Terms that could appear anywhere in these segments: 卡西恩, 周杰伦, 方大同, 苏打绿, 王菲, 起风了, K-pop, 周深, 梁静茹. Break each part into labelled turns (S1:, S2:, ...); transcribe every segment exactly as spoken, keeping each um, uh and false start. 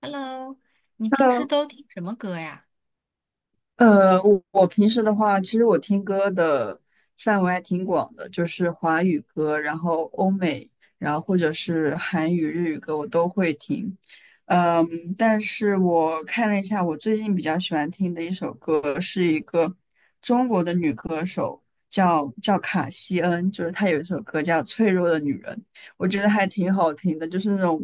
S1: Hello，你平时
S2: Hello，
S1: 都听什么歌呀？
S2: 呃，我我平时的话，其实我听歌的范围还挺广的，就是华语歌，然后欧美，然后或者是韩语、日语歌，我都会听。嗯，但是我看了一下，我最近比较喜欢听的一首歌是一个中国的女歌手，叫叫卡西恩，就是她有一首歌叫《脆弱的女人》。我觉得还挺好听的，就是那种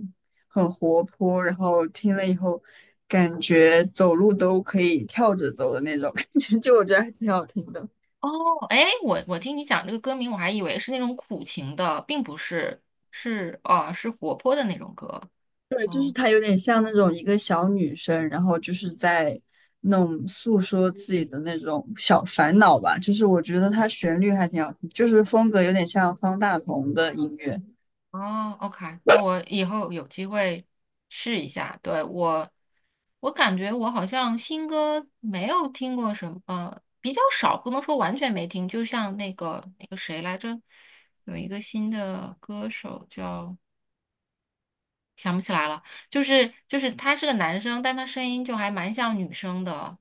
S2: 很活泼，然后听了以后感觉走路都可以跳着走的那种感觉，就我觉得还挺好听的。
S1: 哦，哎，我我听你讲这个歌名，我还以为是那种苦情的，并不是，是哦，是活泼的那种歌。
S2: 对，就是
S1: 哦
S2: 她有点像那种一个小女生，然后就是在那种诉说自己的那种小烦恼吧。就是我觉得她旋律还挺好听，就是风格有点像方大同的音乐。
S1: 哦，OK，那我以后有机会试一下。对，我，我感觉我好像新歌没有听过什么，呃比较少，不能说完全没听。就像那个那个谁来着，有一个新的歌手叫。想不起来了，就是就是他是个男生，但他声音就还蛮像女生的，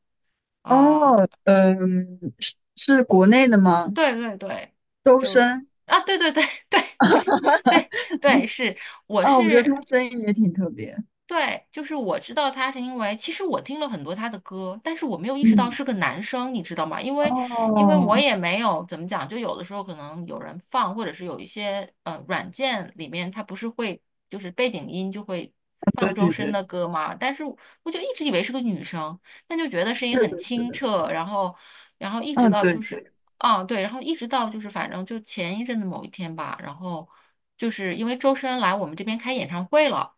S2: 哦，
S1: 呃，
S2: 嗯，是是国内的吗？
S1: 对对对，
S2: 周深。
S1: 啊，对对对 对对对对，是，我
S2: 哦，我觉得
S1: 是
S2: 他声音也挺特别。
S1: 对，就是我知道他是因为，其实我听了很多他的歌，但是我没有意识到
S2: 嗯。
S1: 是个男生，你知道吗？因为，因为我
S2: 哦，
S1: 也没有怎么讲，就有的时候可能有人放，或者是有一些呃软件里面他不是会就是背景音就会
S2: 对
S1: 放周
S2: 对
S1: 深
S2: 对，
S1: 的歌吗？但是我就一直以为是个女生，但就觉得
S2: 是
S1: 声音很
S2: 的，是
S1: 清
S2: 的，
S1: 澈，然后，然后一直
S2: 啊，
S1: 到
S2: 对
S1: 就是
S2: 对，
S1: 啊对，然后一直到就是反正就前一阵子某一天吧，然后就是因为周深来我们这边开演唱会了。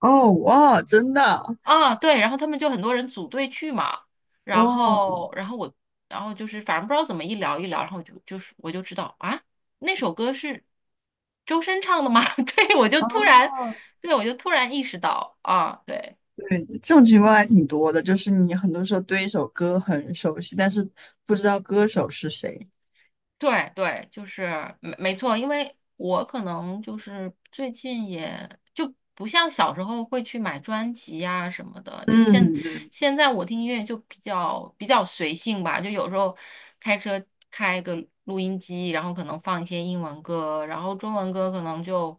S2: 哦，哇，真的，
S1: 啊，对，然后他们就很多人组队去嘛，然
S2: 哇，
S1: 后，然后我，然后就是反正不知道怎么一聊一聊，然后就就是我就知道啊，那首歌是周深唱的吗？对，我就突然，
S2: 哦，
S1: 对，我就突然意识到啊，对。
S2: 对，这种情况还挺多的，就是你很多时候对一首歌很熟悉，但是不知道歌手是谁。
S1: 对对，就是没没错，因为我可能就是最近也就不像小时候会去买专辑啊什么的，就现
S2: 嗯嗯
S1: 现在我听音乐就比较比较随性吧，就有时候开车开个录音机，然后可能放一些英文歌，然后中文歌可能就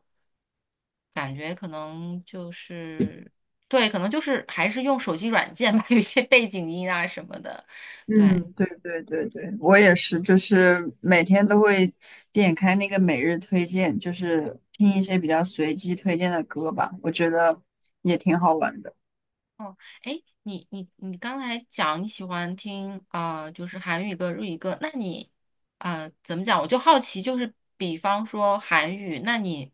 S1: 感觉可能就是对，可能就是还是用手机软件吧，有一些背景音啊什么的，对。
S2: 嗯，对对对对，我也是，就是每天都会点开那个每日推荐，就是听一些比较随机推荐的歌吧，我觉得也挺好玩的。
S1: 哦，哎，你你你刚才讲你喜欢听呃，就是韩语歌、日语歌，那你呃怎么讲？我就好奇，就是比方说韩语，那你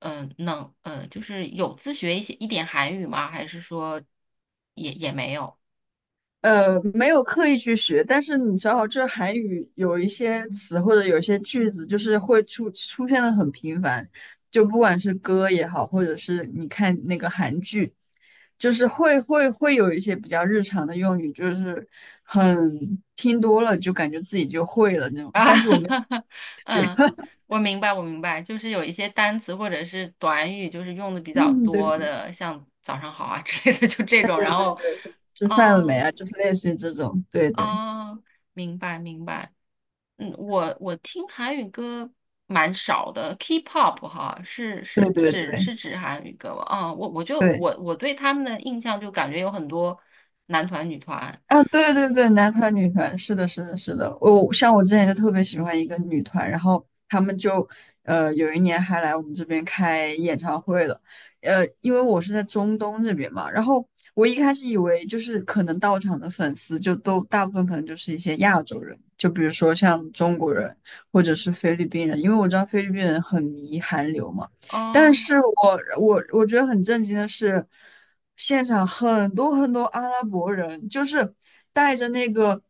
S1: 嗯、呃能呃就是有自学一些一点韩语吗？还是说也也没有
S2: 呃，没有刻意去学，但是你知道，这韩语有一些词或者有一些句子，就是会出出现的很频繁，就不管是歌也好，或者是你看那个韩剧，就是会会会有一些比较日常的用语，就是很听多了就感觉自己就会了那种。
S1: 啊？
S2: 但是我们
S1: 嗯，我明白，我明白，就是有一些单词或者是短语，就是用的比 较
S2: 嗯，对
S1: 多
S2: 对
S1: 的，像早上好啊之类的，就这
S2: 对
S1: 种，
S2: 对
S1: 然
S2: 对
S1: 后
S2: 对，是吃饭了没
S1: 啊
S2: 啊？就是类似于这种，对对
S1: 啊，明白明白。嗯，我我听韩语歌蛮少的，K-pop 哈，是是
S2: 对对
S1: 指
S2: 对
S1: 是指韩语歌吗？啊，我我就
S2: 对。
S1: 我我对他们的印象就感觉有很多男团女团，
S2: 啊，对对对，男团女团，是的，是的，是的。我像我之前就特别喜欢一个女团，然后他们就呃有一年还来我们这边开演唱会了。呃，因为我是在中东这边嘛，然后我一开始以为就是可能到场的粉丝就都大部分可能就是一些亚洲人，就比如说像中国人或者是菲律宾人，因为我知道菲律宾人很迷韩流嘛。但
S1: 哦，
S2: 是我我我觉得很震惊的是，现场很多很多阿拉伯人，就是带着那个，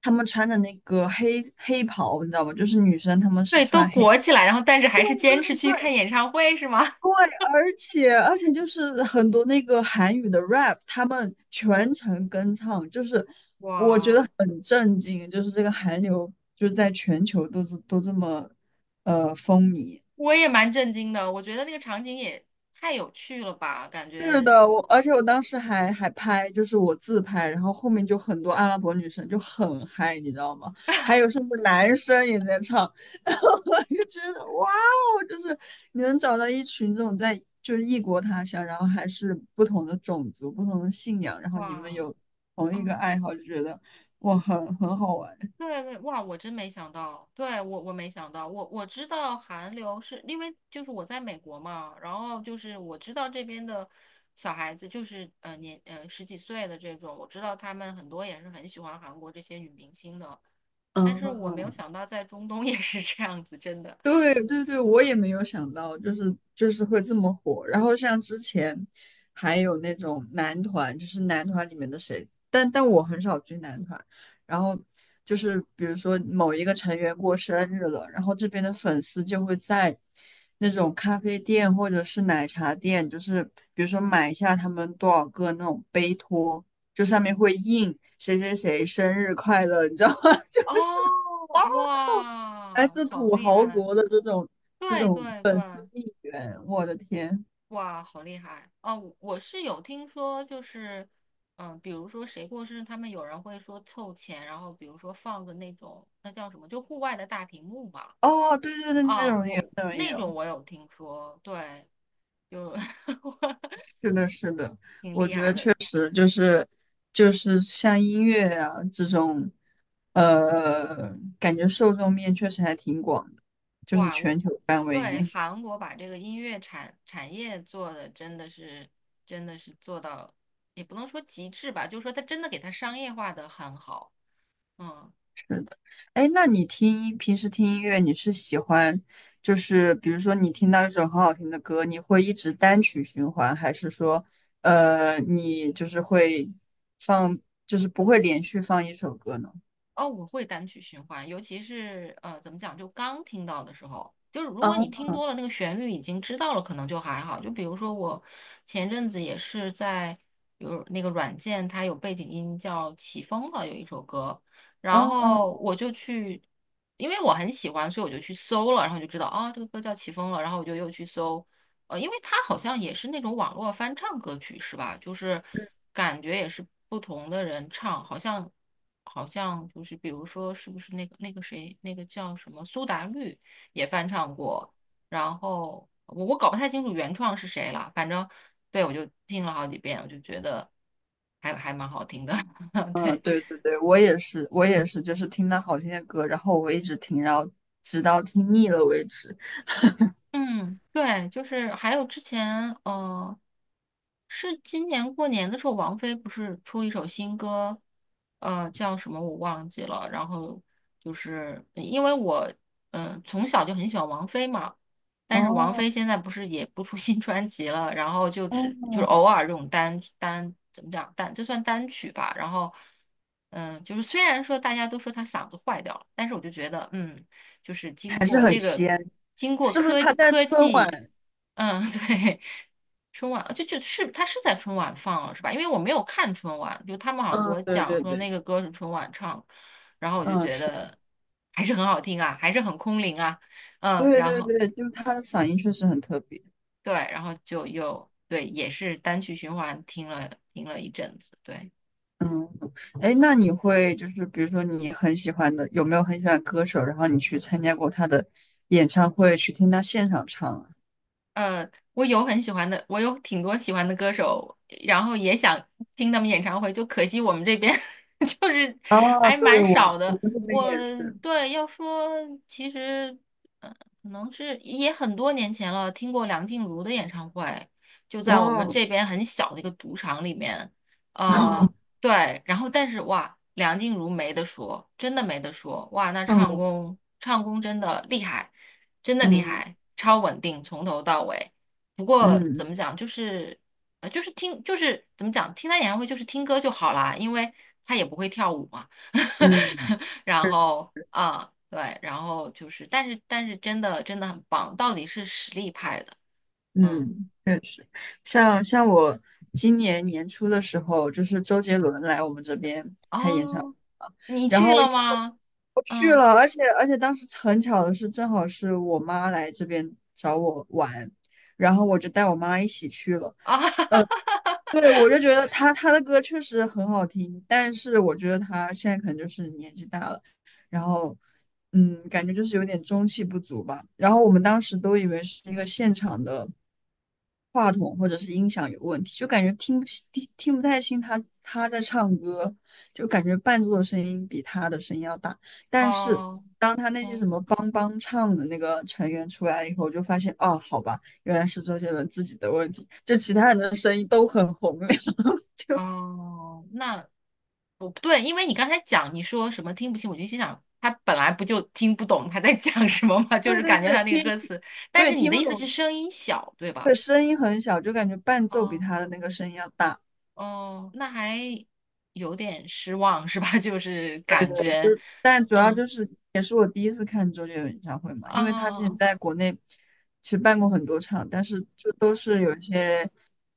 S2: 他们穿着那个黑黑袍，你知道吗？就是女生她们是
S1: 对，都
S2: 穿黑，
S1: 裹起来，然后但是还是坚持去看演唱会是吗？
S2: 对，而且而且就是很多那个韩语的 rap，他们全程跟唱，就是
S1: 哇，
S2: 很震惊，就是这个韩流就是在全球都都这么呃风靡。
S1: 我也蛮震惊的，我觉得那个场景也太有趣了吧，感
S2: 是
S1: 觉
S2: 的，我而且我当时还还拍，就是我自拍，然后后面就很多阿拉伯女生就很嗨，你知道吗？还有甚至男生也在唱，然后我就觉得哇哦，就是你能找到一群这种在就是异国他乡，然后还是不同的种族、不同的信仰，然后你们
S1: 哇，
S2: 有同一个
S1: 嗯。
S2: 爱好，就觉得哇，很很好玩。
S1: 对对，哇，我真没想到，对，我我没想到，我我知道韩流是因为就是我在美国嘛，然后就是我知道这边的小孩子就是呃年呃十几岁的这种，我知道他们很多也是很喜欢韩国这些女明星的，但是我没有
S2: 嗯，
S1: 想到在中东 也是这样子，真的。
S2: 对对对，我也没有想到，就是就是会这么火。然后像之前还有那种男团，就是男团里面的谁，但但我很少追男团。然后就是比如说某一个成员过生日了，然后这边的粉丝就会在那种咖啡店或者是奶茶店，就是比如说买一下他们多少个那种杯托，就上面会印谁谁谁生日快乐，你知道吗？就
S1: 哦，
S2: 是。来
S1: 哇，
S2: 自
S1: 好
S2: 土
S1: 厉
S2: 豪
S1: 害！
S2: 国的这种这
S1: 对
S2: 种
S1: 对对，
S2: 粉丝应援，我的天！
S1: 哇，好厉害！哦，我我是有听说，就是，嗯、比如说谁过生日，他们有人会说凑钱，然后比如说放个那种，那叫什么，就户外的大屏幕嘛。
S2: 哦，对对对，那
S1: 啊，
S2: 种也有，
S1: 我
S2: 那种也
S1: 那
S2: 有，
S1: 种我有听说，对，就
S2: 是的，是的，
S1: 挺厉害的。
S2: 呃就是就是像音乐啊这种，呃，感觉受众面确实还挺广的，就是
S1: 哇，
S2: 全
S1: 我
S2: 球范围
S1: 对
S2: 内。
S1: 韩国把这个音乐产产业做的真的是真的是做到，也不能说极致吧，就是说它真的给它商业化的很好。嗯。
S2: 是的，哎，那你听音平时听音乐，你是喜欢就是比如说你听到一首很好听的歌，你会一直单曲循环，还是说呃你就是会放就是不会连续放一首歌呢？
S1: 哦，我会单曲循环，尤其是呃，怎么讲，就刚听到的时候，就是如
S2: 啊，
S1: 果你听多了那个旋律已经知道了，可能就还好。就比如说我前阵子也是在有那个软件，它有背景音叫《起风了》，有一首歌，然
S2: 嗯嗯
S1: 后我就去，因为我很喜欢，所以我就去搜了，然后就知道啊，这个歌叫《起风了》，然后我就又去搜，呃，因为它好像也是那种网络翻唱歌曲是吧？就是感觉也是不同的人唱，好像好像就是比如说是不是那个那个谁那个叫什么苏打绿也翻唱过，然后我我搞不太清楚原创是谁了，反正对我就听了好几遍，我就觉得还还蛮好听的，
S2: 嗯，
S1: 对。
S2: 对对对，我也是，我也是，就是听到好听的歌，然后我一直听，然后直到听腻了为止。
S1: 嗯，对，就是还有之前，呃，是今年过年的时候，王菲不是出了一首新歌，呃，叫什么我忘记了。然后就是因为我，嗯、从小就很喜欢王菲嘛，但是王
S2: 哦
S1: 菲现在不是也不出 新专辑了，然后就只就是
S2: 哦，
S1: 偶尔这种单单怎么讲单，就算单曲吧。然后，嗯、就是虽然说大家都说她嗓子坏掉了，但是我就觉得，嗯。就是经
S2: 还是
S1: 过这
S2: 很
S1: 个，
S2: 仙，
S1: 经过
S2: 是不是
S1: 科
S2: 他在
S1: 科
S2: 春
S1: 技，
S2: 晚？
S1: 嗯，对，春晚就就是他是在春晚放了是吧？因为我没有看春晚，就他们好像给
S2: 嗯，
S1: 我
S2: 对
S1: 讲
S2: 对
S1: 说
S2: 对，
S1: 那个歌是春晚唱，然后我就
S2: 嗯，
S1: 觉
S2: 是。
S1: 得还是很好听啊，还是很空灵啊，嗯，
S2: 对
S1: 然
S2: 对
S1: 后
S2: 对，就是他的嗓音确实很特别。
S1: 对，然后就又对，也是单曲循环听了听了一阵子，对。
S2: 嗯，哎，那你会就是比如说你很喜欢的，有没有很喜欢歌手，然后你去参加过他的演唱会，去听他现场唱啊？
S1: 呃，我有很喜欢的，我有挺多喜欢的歌手，然后也想听他们演唱会，就可惜我们这边 就是
S2: 啊，
S1: 还
S2: 对，
S1: 蛮
S2: 我
S1: 少
S2: 我
S1: 的。
S2: 们这边
S1: 我
S2: 也是，
S1: 对要说，其实呃，可能是也很多年前了，听过梁静茹的演唱会，就在我们
S2: 哇，
S1: 这边很小的一个赌场里面。呃，对，然后但是哇，梁静茹没得说，真的没得说，哇，那
S2: 看
S1: 唱
S2: 过，
S1: 功唱功真的厉害。真的厉
S2: 嗯
S1: 害，超稳定，从头到尾。不过怎
S2: 嗯
S1: 么讲，就是呃，就是听，就是怎么讲，听他演唱会就是听歌就好啦，因为他也不会跳舞嘛。
S2: 嗯
S1: 然后啊，对，然后就是，但是但是真的真的很棒，到底是实力派的。嗯，
S2: 嗯，确实，像像我今年年初的时候，就是周杰伦来我们这边开演唱会，
S1: 哦，你
S2: 然
S1: 去
S2: 后因
S1: 了
S2: 为
S1: 吗？
S2: 我去
S1: 嗯
S2: 了，而且而且当时很巧的是，正好是我妈来这边找我玩，然后我就带我妈一起去了。
S1: 啊，
S2: 对，我就觉得她她的歌确实很好听，但是我觉得她现在可能就是年纪大了，然后嗯，感觉就是有点中气不足吧。然后我们当时都以为是一个现场的话筒或者是音响有问题，就感觉听不清、听听不太清他他在唱歌，就感觉伴奏的声音比他的声音要大。但是
S1: 哦，
S2: 当他那些什
S1: 嗯
S2: 么帮帮唱的那个成员出来以后，就发现哦，好吧，原来是周杰伦自己的问题，就其他人的声音都很洪亮，就
S1: 哦，那不对，因为你刚才讲你说什么听不清，我就心想他本来不就听不懂他在讲什么嘛，就是感觉
S2: 是
S1: 他那个
S2: 听，
S1: 歌词。但
S2: 对，
S1: 是你
S2: 听
S1: 的
S2: 不
S1: 意思是
S2: 懂，
S1: 声音小，对吧？
S2: 对，声音很小，就感觉伴奏比
S1: 哦
S2: 他的那个声音要大。
S1: 哦，那还有点失望是吧？就是
S2: 对
S1: 感
S2: 对，就
S1: 觉，
S2: 是，但主要
S1: 嗯
S2: 就是也是我第一次看周杰伦演唱会嘛，因为他之前
S1: 哦
S2: 在国内其实办过很多场，但是就都是有一些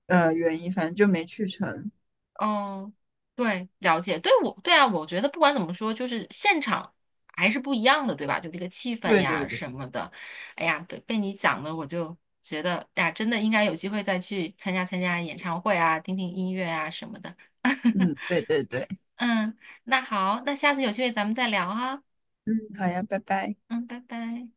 S2: 呃原因，反正就没去成。
S1: 嗯，对，了解，对我，对啊，我觉得不管怎么说，就是现场还是不一样的，对吧？就这个气氛
S2: 对对
S1: 呀
S2: 对，
S1: 什么的，哎呀，被被你讲的，我就觉得，哎呀，真的应该有机会再去参加参加演唱会啊，听听音乐啊什么的。
S2: 嗯，对对对，
S1: 嗯，那好，那下次有机会咱们再聊哈。
S2: 嗯，好呀，拜拜。
S1: 嗯，拜拜。